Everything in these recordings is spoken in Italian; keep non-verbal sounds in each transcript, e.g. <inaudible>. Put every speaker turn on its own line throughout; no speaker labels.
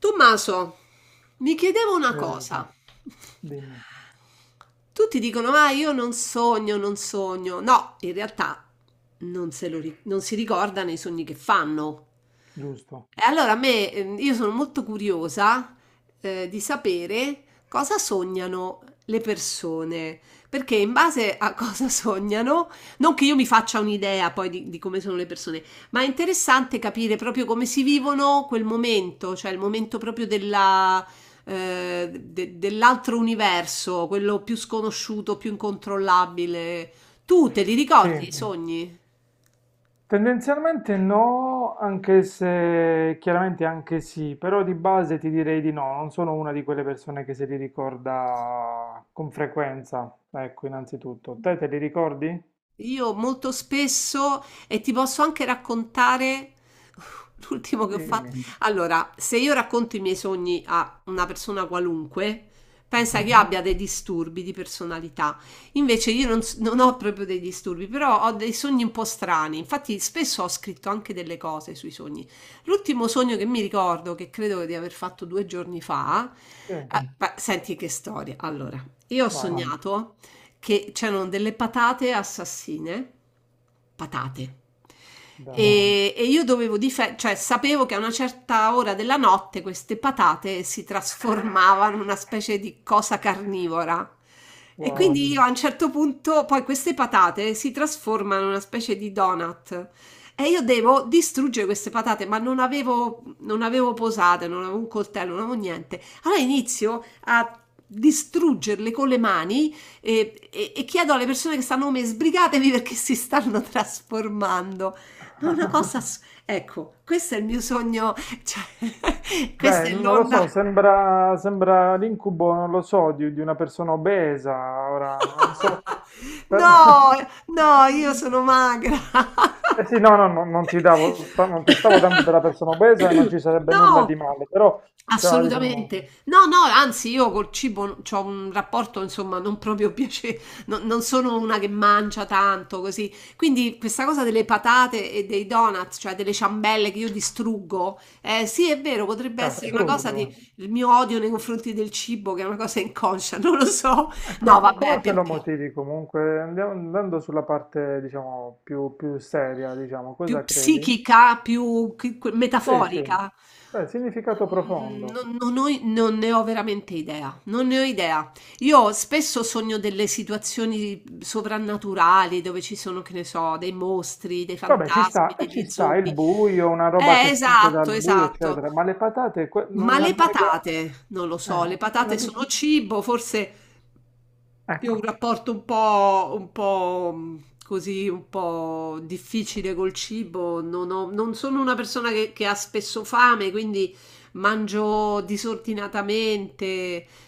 Tommaso, mi chiedevo una
Hai ragione,
cosa.
dimmi,
Tutti dicono, ah, io non sogno, non sogno. No, in realtà non, se lo ri- non si ricordano i sogni che fanno.
giusto.
E allora a me, io sono molto curiosa, di sapere cosa sognano le persone, perché in base a <laughs> cosa sognano, non che io mi faccia un'idea poi di come sono le persone, ma è interessante capire proprio come si vivono quel momento, cioè il momento proprio dell'altro universo, quello più sconosciuto, più incontrollabile. Tu te li ricordi i
Sì,
sogni?
tendenzialmente no, anche se chiaramente anche sì, però di base ti direi di no, non sono una di quelle persone che se li ricorda con frequenza, ecco, innanzitutto. Te li ricordi?
Io molto spesso, e ti posso anche raccontare uh, l'ultimo che ho fatto.
Dimmi.
Allora, se io racconto i miei sogni a una persona qualunque, pensa
Mhm.
che abbia dei disturbi di personalità. Invece io non, s- non ho proprio dei disturbi, però ho dei sogni un po' strani. Infatti spesso ho scritto anche delle cose sui sogni. L'ultimo sogno che mi ricordo, che credo di aver fatto due giorni fa,
Sì,
Mm. beh, senti che storia. Allora, io ho Vai.
vai.
Sognato che c'erano delle patate assassine, patate.
Dai,
E io dovevo difendere, cioè sapevo che a una certa ora della notte queste patate si trasformavano in una specie di cosa carnivora. E
wow.
quindi io a un certo punto, poi queste patate si trasformano in una specie di donut. E io devo distruggere queste patate, ma non avevo posate, non avevo un coltello, non avevo niente. Allora inizio a distruggerle con le mani e, e chiedo alle persone che stanno come me, sbrigatevi perché si stanno trasformando. Ma è una cosa... ass- Ecco, questo è il mio sogno, cioè, <laughs> questa
Beh,
è
non lo
l'onda.
so, sembra, sembra l'incubo, non lo so, di una persona obesa, ora non so.
<laughs>
Per-
No, no, io
<laughs>
sono magra.
Eh
<laughs>
sì, no, no, no, non ti davo, non ti stavo dando della persona obesa e non ci sarebbe nulla
No,
di male, però, cioè, diciamo,
assolutamente. No, no, anzi io col cibo ho un rapporto, insomma, non proprio <laughs> piacevole, non sono una che mangia tanto così. Quindi questa cosa delle patate e dei donuts, cioè delle ciambelle che io distruggo, sì, è vero, potrebbe
è
essere una cosa di
assurdo.
il mio odio nei confronti del cibo, che è una cosa inconscia, <laughs> non lo so.
Ecco,
No, vabbè,
come te
per
lo
dire.
motivi comunque? Andiamo, andando sulla parte, diciamo, più, più seria, diciamo, cosa
Più
credi?
psichica, più chi que
Sì, sì,
metaforica?
beh, significato
Mhmm,
profondo.
non ne ho veramente idea, non ne ho idea. Io spesso sogno delle situazioni sovrannaturali dove ci sono, che ne so, dei mostri, dei
Vabbè, ci
fantasmi,
sta, e ci
degli
sta il
zombie.
buio, una roba che spunta
Esatto,
dal buio,
esatto.
eccetera, ma le patate,
Ma
una
le
mega...
patate, non lo so,
Eh,
le
una
patate
piccola...
sono cibo, forse io ho
Ecco,
un rapporto un po', così, un po' difficile col cibo, non sono una persona che ha spesso fame, quindi mangio disordinatamente,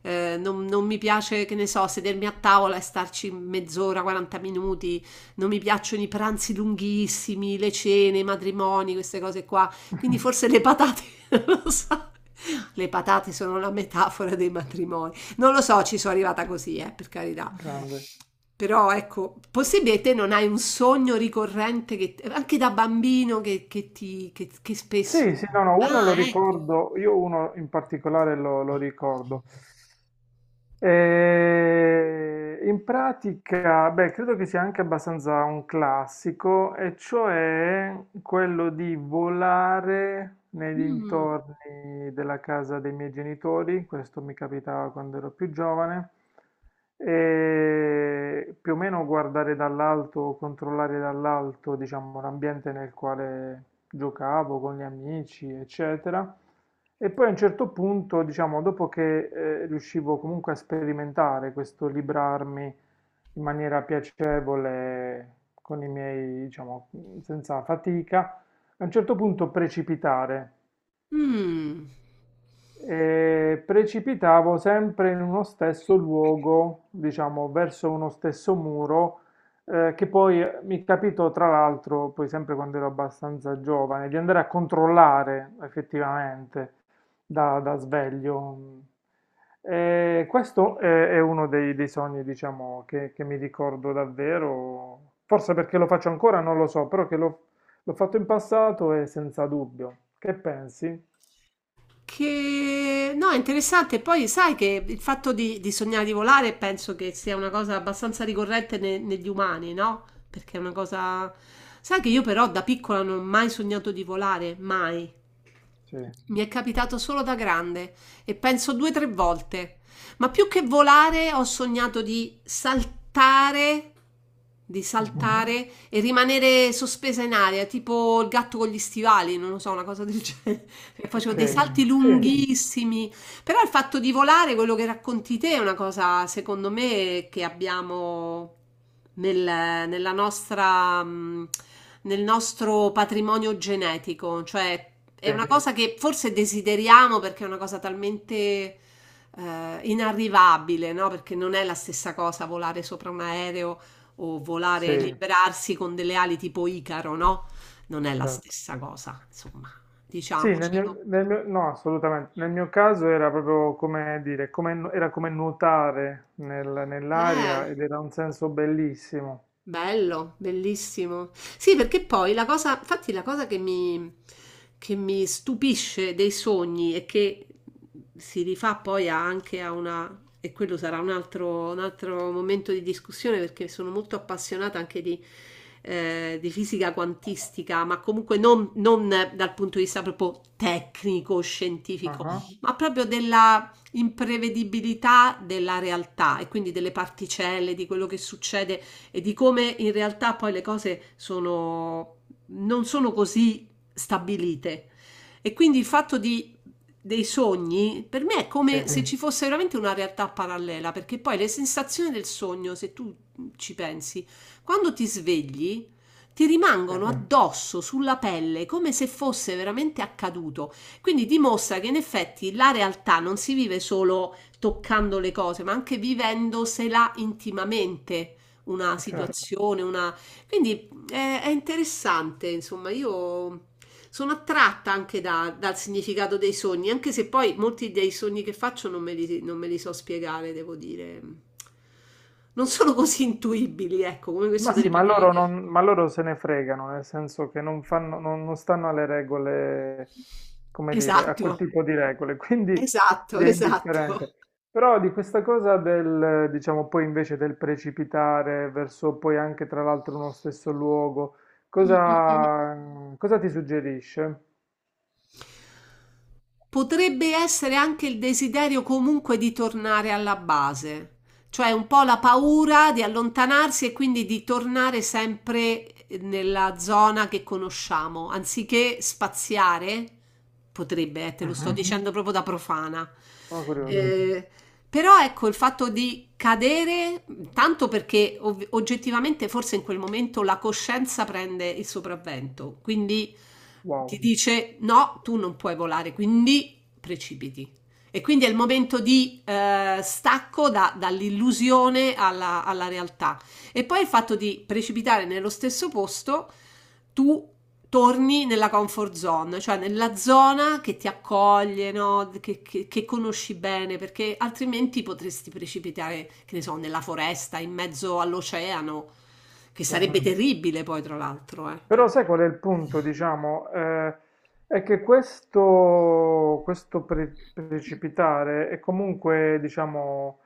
non mi piace, che ne so, sedermi a tavola e starci mezz'ora, 40 minuti, non mi piacciono i pranzi lunghissimi, le cene, i matrimoni, queste cose qua. Quindi forse le patate, <laughs> non lo so. Le patate sono la metafora dei matrimoni. Non lo so, ci sono arrivata così, per carità.
grande.
Però ecco, possibile te non hai un sogno ricorrente che, anche da bambino che
Sì,
spesso.
sì, no, no,
Ah,
uno lo
ecco.
ricordo, io uno in particolare lo, lo ricordo. In pratica, beh, credo che sia anche abbastanza un classico, e cioè quello di volare nei
Mm,
dintorni della casa dei miei genitori, questo mi capitava quando ero più giovane, e più o meno guardare dall'alto, controllare dall'alto, diciamo, l'ambiente nel quale giocavo con gli amici, eccetera. E poi a un certo punto, diciamo, dopo che riuscivo comunque a sperimentare questo librarmi in maniera piacevole, con i miei, diciamo, senza fatica, a un certo punto precipitare
mm.
e precipitavo sempre in uno stesso luogo, diciamo, verso uno stesso muro, che poi mi capitò, tra l'altro, poi sempre quando ero abbastanza giovane, di andare a controllare effettivamente da sveglio. E questo è uno dei, dei sogni, diciamo, che mi ricordo davvero, forse perché lo faccio ancora, non lo so, però che l'ho fatto in passato e senza dubbio. Che pensi?
Che no, è interessante. Poi sai che il fatto di sognare di volare penso che sia una cosa abbastanza ricorrente negli umani, no? Perché è una cosa. Sai che io però da piccola non ho mai sognato di volare, mai.
Sì.
Mi è capitato solo da grande e penso due o tre volte. Ma più che volare ho sognato di saltare,
Mhm.
e rimanere sospesa in aria, tipo il gatto con gli stivali, non lo so, una cosa del genere. <laughs>
Ok,
Facevo dei salti
sì,
lunghissimi, però il fatto di volare, quello che racconti te, è una cosa, secondo me, che abbiamo nel, nella nostra, nel nostro patrimonio genetico. Cioè, è
sì,
una cosa che forse desideriamo perché è una cosa talmente inarrivabile, no? Perché non è la stessa cosa volare sopra un aereo o
sì,
volare, liberarsi con delle ali tipo Icaro, no? Non è la
certo.
stessa cosa, insomma,
Sì, nel
diciamocelo.
mio, no, assolutamente. Nel mio caso era proprio come dire, era come nuotare
Eh.
nell'aria ed era un senso bellissimo.
Bello, bellissimo. Sì, perché poi la cosa, infatti la cosa che mi stupisce dei sogni e che si rifà poi anche a una, e quello sarà un altro momento di discussione perché sono molto appassionata anche di fisica quantistica, ma comunque non dal punto di vista proprio tecnico, scientifico,
Ah,
ma proprio della imprevedibilità della realtà e quindi delle particelle, di quello che succede e di come in realtà poi le cose sono, non sono così stabilite. E quindi dei sogni per me è
sì,
come se ci fosse veramente una realtà parallela, perché poi le sensazioni del sogno, se tu ci pensi, quando ti svegli, ti
sì,
rimangono
ma
addosso sulla pelle come se fosse veramente accaduto. Quindi dimostra che in effetti la realtà non si vive solo toccando le cose, ma anche vivendosela intimamente una
certo.
situazione, una... Quindi è interessante, insomma, io sono attratta anche dal significato dei sogni, anche se poi molti dei sogni che faccio non me li so spiegare, devo dire. Non sono così intuibili, ecco, come questo
Ma
delle
sì, ma loro,
patate.
non, ma loro se ne fregano, nel senso che non fanno, non stanno alle regole come dire, a
Esatto.
quel tipo di regole, <laughs> quindi gli è indifferente. Però di questa cosa del, diciamo, poi invece del precipitare verso poi anche tra l'altro uno stesso luogo, cosa, cosa ti suggerisce?
Potrebbe essere anche il desiderio comunque di tornare alla base, cioè un po' la paura di allontanarsi e quindi di tornare sempre nella zona che conosciamo, anziché spaziare, potrebbe, te lo sto
Mhm,
dicendo proprio da profana.
sono curioso.
Eh, però ecco il fatto di cadere, tanto perché oggettivamente forse in quel momento la coscienza prende il sopravvento, quindi ti
Wow.
dice no, tu non puoi volare, quindi precipiti. E quindi è il momento di stacco dall'illusione alla realtà. E poi il fatto di precipitare nello stesso posto, tu torni nella comfort zone, cioè nella zona che ti accoglie, no? Che conosci bene, perché altrimenti potresti precipitare, che ne so, nella foresta, in mezzo all'oceano, che
Sì.
sarebbe terribile poi, tra l'altro, eh. Cioè,
Però sai qual è il punto, diciamo? È che questo, precipitare è comunque, diciamo,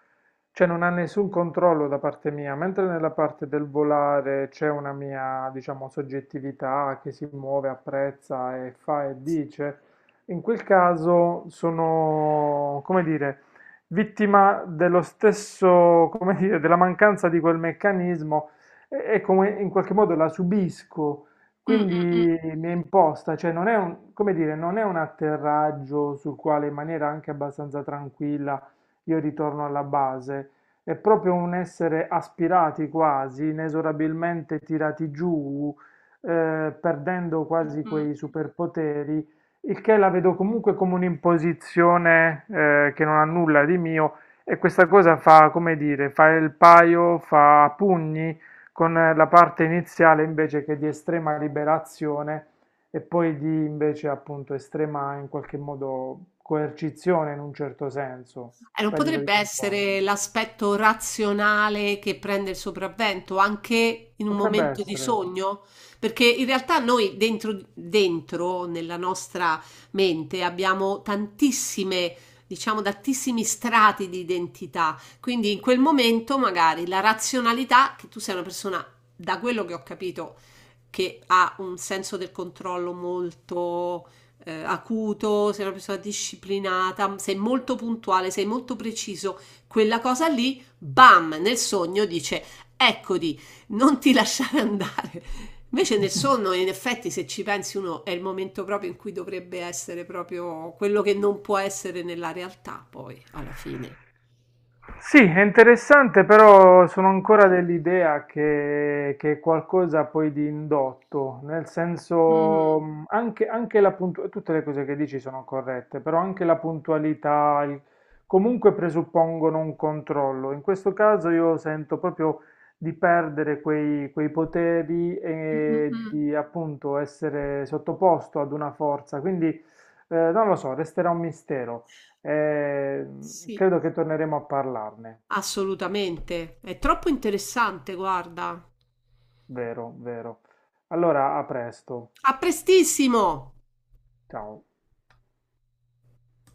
cioè non ha nessun controllo da parte mia, mentre nella parte del volare c'è una mia, diciamo, soggettività che si muove, apprezza e fa e dice. In quel caso sono, come dire, vittima dello stesso, come dire, della mancanza di quel meccanismo e come in qualche modo la subisco.
mm, mm,
Quindi mi è imposta, cioè non è un, come dire, non è un atterraggio sul quale in maniera anche abbastanza tranquilla io ritorno alla base, è proprio un essere aspirati quasi, inesorabilmente tirati giù, perdendo
mm,
quasi
mm.
quei superpoteri, il che la vedo comunque come un'imposizione, che non ha nulla di mio e questa cosa fa, come dire, fa il paio, fa a pugni con la parte iniziale invece che di estrema liberazione e poi di invece appunto estrema in qualche modo coercizione in un certo senso,
Non
perdita di
potrebbe
controllo.
essere l'aspetto razionale che prende il sopravvento anche in un
Potrebbe
momento di
essere.
sogno? Perché in realtà noi dentro nella nostra mente abbiamo tantissime, diciamo, tantissimi strati di identità. Quindi in quel momento magari la razionalità, che tu sei una persona, da quello che ho capito, che ha un senso del controllo molto acuto, sei una persona disciplinata, sei molto puntuale, sei molto preciso, quella cosa lì, bam, nel sogno dice, eccoti, non ti <laughs> lasciare andare. Invece nel sonno, in effetti, se ci pensi uno, è il momento proprio in cui dovrebbe essere proprio quello che non può essere nella realtà, poi, alla fine.
Sì, è interessante, però sono ancora dell'idea che è qualcosa poi di indotto, nel senso
Mm,
anche, anche la puntualità, tutte le cose che dici sono corrette, però anche comunque presuppongono un controllo. In questo caso io sento proprio di perdere quei, quei poteri e di appunto essere sottoposto ad una forza, quindi non lo so, resterà un mistero.
sì,
Credo che torneremo a parlarne,
assolutamente. È troppo interessante, guarda.
vero, vero. Allora, a presto.
A prestissimo!
Ciao.